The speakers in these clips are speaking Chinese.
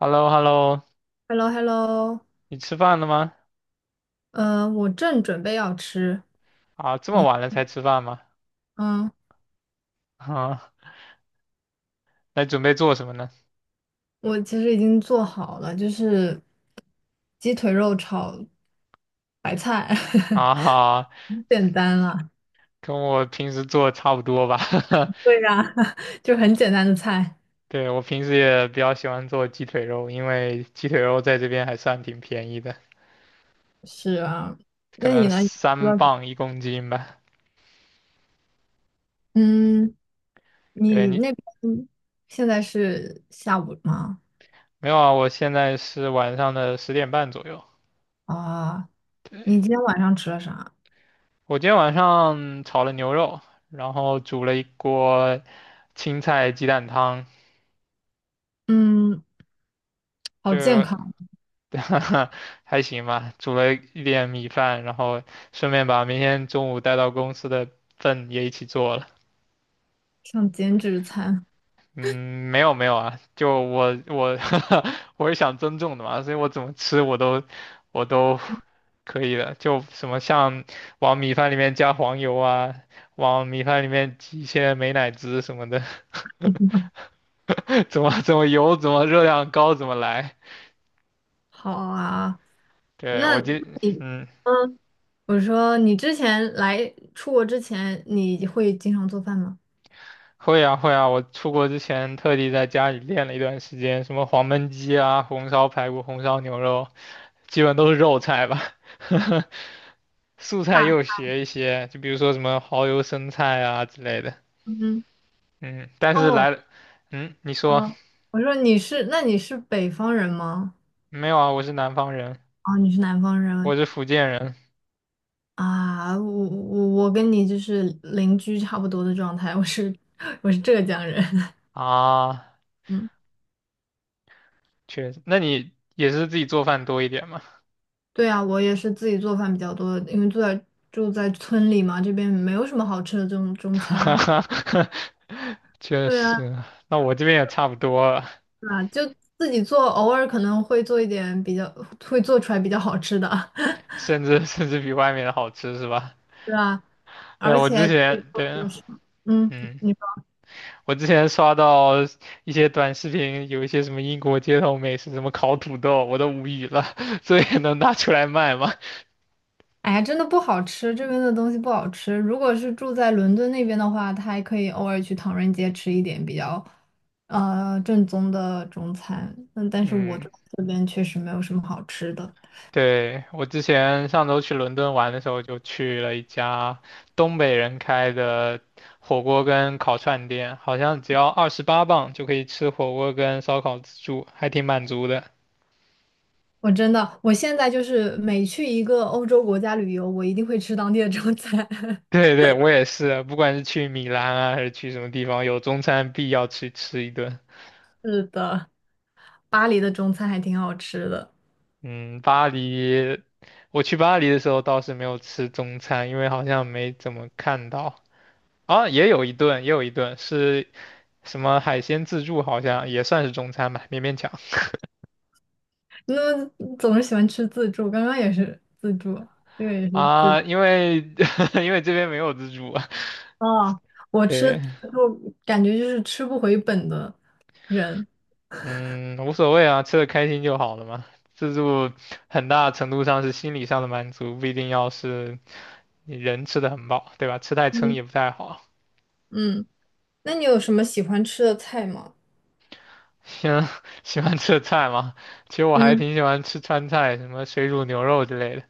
h e l l o h e l l o Hello，Hello。你吃饭了吗？我正准备要吃。啊，这么你，晚了才吃饭吗？嗯，啊，那准备做什么呢？我其实已经做好了，就是鸡腿肉炒白菜，啊，很简单了。跟我平时做差不多吧。对呀，就很简单的菜。对，我平时也比较喜欢做鸡腿肉，因为鸡腿肉在这边还算挺便宜的，是啊，可那你能呢？你吃三了什磅一公斤吧。嗯，对你你，那边现在是下午吗？没有啊，我现在是晚上的10点半左右。啊，对，你今天晚上吃了啥？我今天晚上炒了牛肉，然后煮了一锅青菜鸡蛋汤。嗯，好健就 康，还行吧，煮了一点米饭，然后顺便把明天中午带到公司的份也一起做了。像减脂餐。嗯，没有没有啊，就我 我是想增重的嘛，所以我怎么吃我都可以的，就什么像往米饭里面加黄油啊，往米饭里面挤一些美乃滋什么的，怎么油怎么热量高怎么来。好啊，对，我那今嗯嗯，我说你之前来出国之前，你会经常做饭吗？会啊会啊，我出国之前特地在家里练了一段时间，什么黄焖鸡啊、红烧排骨、红烧牛肉，基本都是肉菜吧。素菜大菜，又学一些，就比如说什么蚝油生菜啊之类的。嗯嗯，但是哦，来了，嗯，你说哦，我说你是，那你是北方人吗？没有啊？我是南方人，哦，你是南方我人是福建人。啊？我跟你就是邻居差不多的状态，我是 我是浙江人。啊，嗯，确实，那你也是自己做饭多一点嘛？对啊，我也是自己做饭比较多，因为住在村里嘛，这边没有什么好吃的这种中餐。确对啊，实，那我这边也差不多了，啊，就自己做，偶尔可能会做一点比较，会做出来比较好吃的。甚至比外面的好吃是吧？是啊，对，而我且之前这对，个是嗯，嗯，你说，我之前刷到一些短视频，有一些什么英国街头美食，什么烤土豆，我都无语了。这也能拿出来卖吗？哎呀，真的不好吃，这边的东西不好吃。如果是住在伦敦那边的话，他还可以偶尔去唐人街吃一点比较，正宗的中餐。嗯，但是我嗯，这这边确实没有什么好吃的。对，我之前上周去伦敦玩的时候，就去了一家东北人开的火锅跟烤串店，好像只要28磅就可以吃火锅跟烧烤自助，还挺满足的。我真的，我现在就是每去一个欧洲国家旅游，我一定会吃当地的中餐。对对，我也是，不管是去米兰啊，还是去什么地方，有中餐必要去吃一顿。是的，巴黎的中餐还挺好吃的。嗯，巴黎，我去巴黎的时候倒是没有吃中餐，因为好像没怎么看到。啊，也有一顿，也有一顿是什么海鲜自助，好像也算是中餐吧，勉勉强。那总是喜欢吃自助，刚刚也是自助，这个也是自。啊，因为 因为这边没有自助啊。哦，我吃，对，我感觉就是吃不回本的人。嗯，无所谓啊，吃的开心就好了嘛。自助很大程度上是心理上的满足，不一定要是你人吃的很饱，对吧？吃太撑嗯，也不太好。嗯，那你有什么喜欢吃的菜吗？喜欢 喜欢吃的菜吗？其实我还嗯挺喜欢吃川菜，什么水煮牛肉之类的。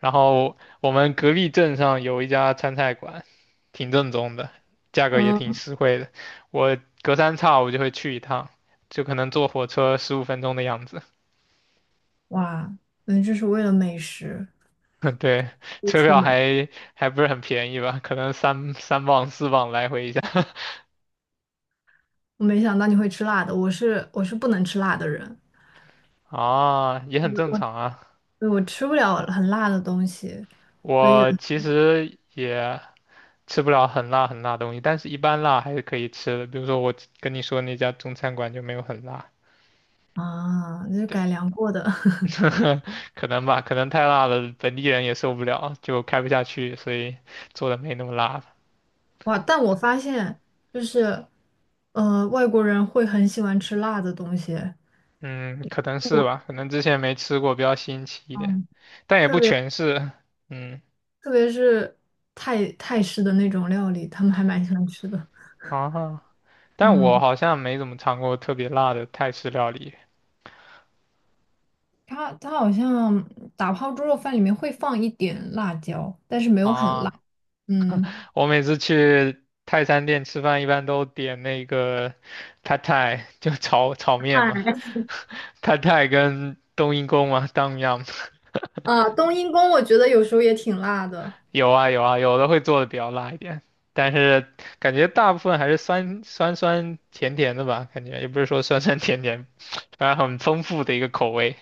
然后我们隔壁镇上有一家川菜馆，挺正宗的，价格也挺嗯，实惠的。我隔三差五就会去一趟，就可能坐火车15分钟的样子。哇，那就是为了美食 对，不车出票门。还不是很便宜吧？可能三磅四磅来回一下。 我没想到你会吃辣的，我是不能吃辣的人，啊，也很正常啊。所以我吃不了很辣的东西。所以有我其实也吃不了很辣很辣的东西，但是一般辣还是可以吃的。比如说我跟你说那家中餐馆就没有很辣，啊，那就改对，良过的。可能吧，可能太辣了，本地人也受不了，就开不下去，所以做的没那么辣了。哇，但我发现就是，外国人会很喜欢吃辣的东西。嗯，可能是吧，可能之前没吃过，比较新奇一点，嗯。但也不特别。全是。嗯。特别是泰式的那种料理，他们还蛮喜欢吃的。啊，但我嗯，好像没怎么尝过特别辣的泰式料理。它好像打泡猪肉饭里面会放一点辣椒，但是没有很辣。啊，嗯我每次去泰餐店吃饭，一般都点那个 p a t a i 就炒炒面嘛 啊 p a t a i 跟冬阴功嘛当 o m。 啊，冬阴功我觉得有时候也挺辣的。有啊有啊，有的会做的比较辣一点，但是感觉大部分还是酸酸甜甜的吧，感觉也不是说酸酸甜甜，反正很丰富的一个口味，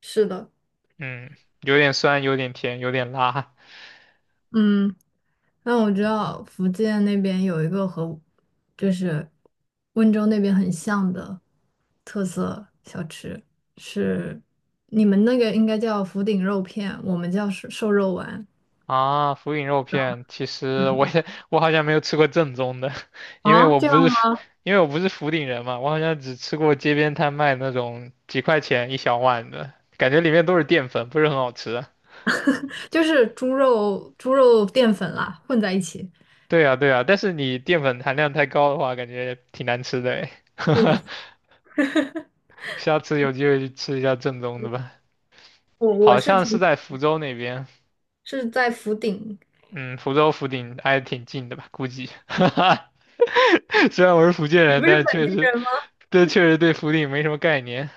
是的，嗯，有点酸，有点甜，有点辣。嗯，那我知道福建那边有一个和就是温州那边很像的特色小吃，是你们那个应该叫福鼎肉片，我们叫瘦瘦肉丸。啊，福鼎肉片，其实我也 我好像没有吃过正宗的，因为啊，我这样不是福吗？因为我不是福鼎人嘛，我好像只吃过街边摊卖那种几块钱一小碗的，感觉里面都是淀粉，不是很好吃啊。就是猪肉、猪肉淀粉啦，混在一起。对呀，对呀，但是你淀粉含量太高的话，感觉挺难吃的诶。是的，下次有机会去吃一下正宗的吧，我好是像是挺在福州那边。是在福鼎，嗯，福州福鼎挨得挺近的吧？估计，虽然我是福建你不人，是但是本确地实，人吗？这确实对福鼎没什么概念。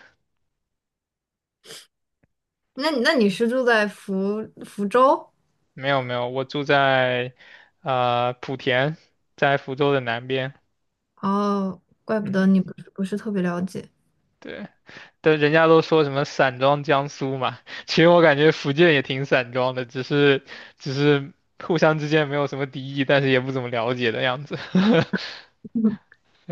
那你是住在福州？没有没有，我住在呃莆田，在福州的南边。哦，怪不得嗯，你不是特别了解。对，但人家都说什么散装江苏嘛，其实我感觉福建也挺散装的，只是互相之间没有什么敌意，但是也不怎么了解的样子。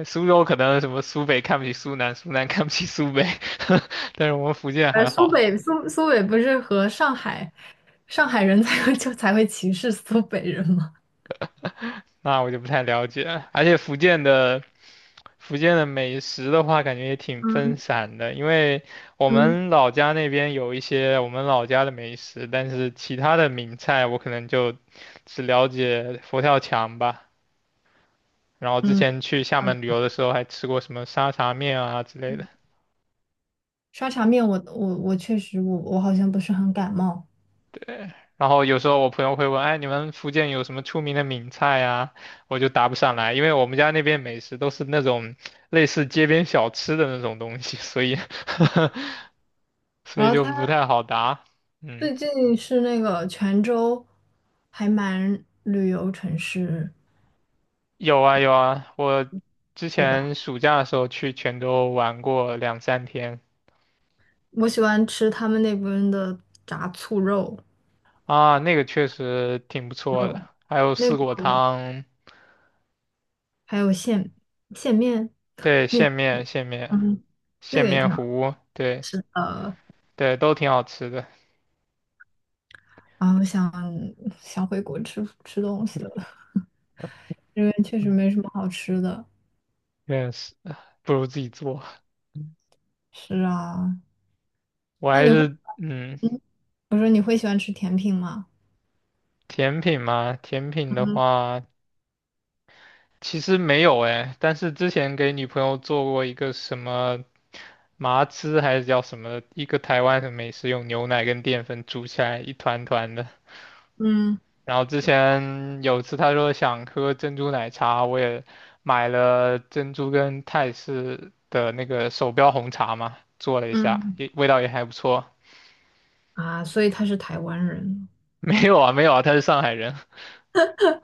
苏州可能什么苏北看不起苏南，苏南看不起苏北，但是我们福建还苏好，北苏苏北不是和上海人才会歧视苏北人吗？那我就不太了解了。而且福建的美食的话，感觉也挺分嗯散的，因为我嗯，们老家那边有一些我们老家的美食，但是其他的名菜我可能就只了解佛跳墙吧。然后之嗯，前去厦好的。门旅游的时候，还吃过什么沙茶面啊之类的。沙茶面我确实我好像不是很感冒。然后有时候我朋友会问，哎，你们福建有什么出名的闽菜呀？我就答不上来，因为我们家那边美食都是那种类似街边小吃的那种东西，所以 所然以后就他。不太好答。嗯，最近是那个泉州，还蛮旅游城市，有啊有啊，我之对吧？前暑假的时候去泉州玩过两三天。我喜欢吃他们那边的炸醋肉啊，那个确实挺不错的，肉，还有那四个果汤，还有线线面对，面，线面线面嗯，那线个也面挺好糊，对吃的。对，都挺好吃的，啊我想想回国吃吃东西了，这边确实没什么好吃的。但是不如自己做。是啊，我那还你会，是嗯，嗯，我说你会喜欢吃甜品吗？甜品嘛，甜品的嗯话其实没有哎，但是之前给女朋友做过一个什么麻糍还是叫什么，一个台湾的美食，用牛奶跟淀粉煮起来一团团的。嗯然后之前有次她说想喝珍珠奶茶，我也买了珍珠跟泰式的那个手标红茶嘛，做了一下，嗯也味道也还不错。啊，所以他是台湾人。没有啊，没有啊，他是上海人。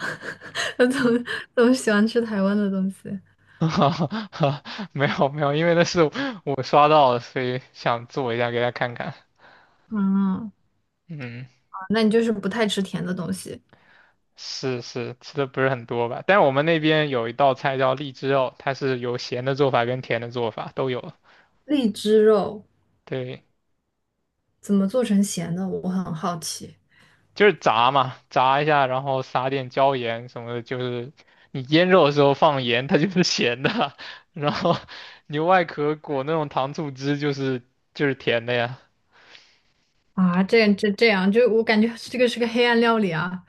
我总 喜欢吃台湾的东西。哈哈哈，没有没有，因为那是我刷到的，所以想做一下给他看看。嗯，嗯，啊那你就是不太吃甜的东西。是是，吃的不是很多吧？但我们那边有一道菜叫荔枝肉，它是有咸的做法跟甜的做法都有。荔枝肉对，怎么做成咸的？我很好奇。就是炸嘛，炸一下，然后撒点椒盐什么的，就是你腌肉的时候放盐，它就是咸的，然后牛外壳裹那种糖醋汁，就是甜的呀。啊，这样，就我感觉这个是个黑暗料理啊。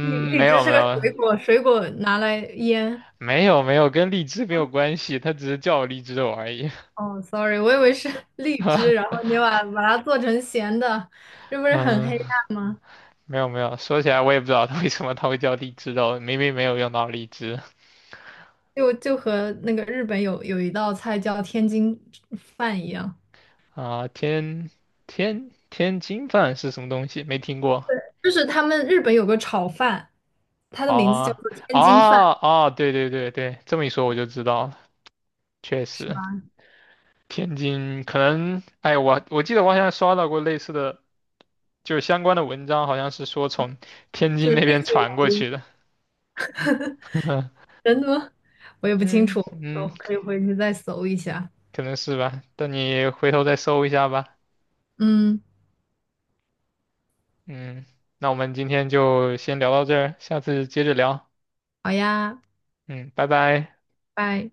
荔荔没枝有是没个有，水果，水果拿来腌。没有没有，跟荔枝没有关系，它只是叫我荔枝肉而已。哦，sorry，我以为是 荔枝，然后你把它做成咸的，这不 是很嗯，黑暗吗？没有没有，说起来我也不知道它为什么它会叫荔枝肉，明明没有用到荔枝。就和那个日本有一道菜叫天津饭一样，啊。天津饭是什么东西？没听过。就是他们日本有个炒饭。它的名字叫做啊天啊津饭，啊！对对对对，这么一说我就知道了，确是实吗？天津可能，哎，我记得我好像刷到过类似的，就是相关的文章，好像是说从天津是那类边似于南传过音去的。真的吗？我也不清楚，嗯我嗯，可以回去再搜一下。可能是吧。等你回头再搜一下吧。嗯，嗯，那我们今天就先聊到这儿，下次接着聊。好呀，嗯，拜拜。拜。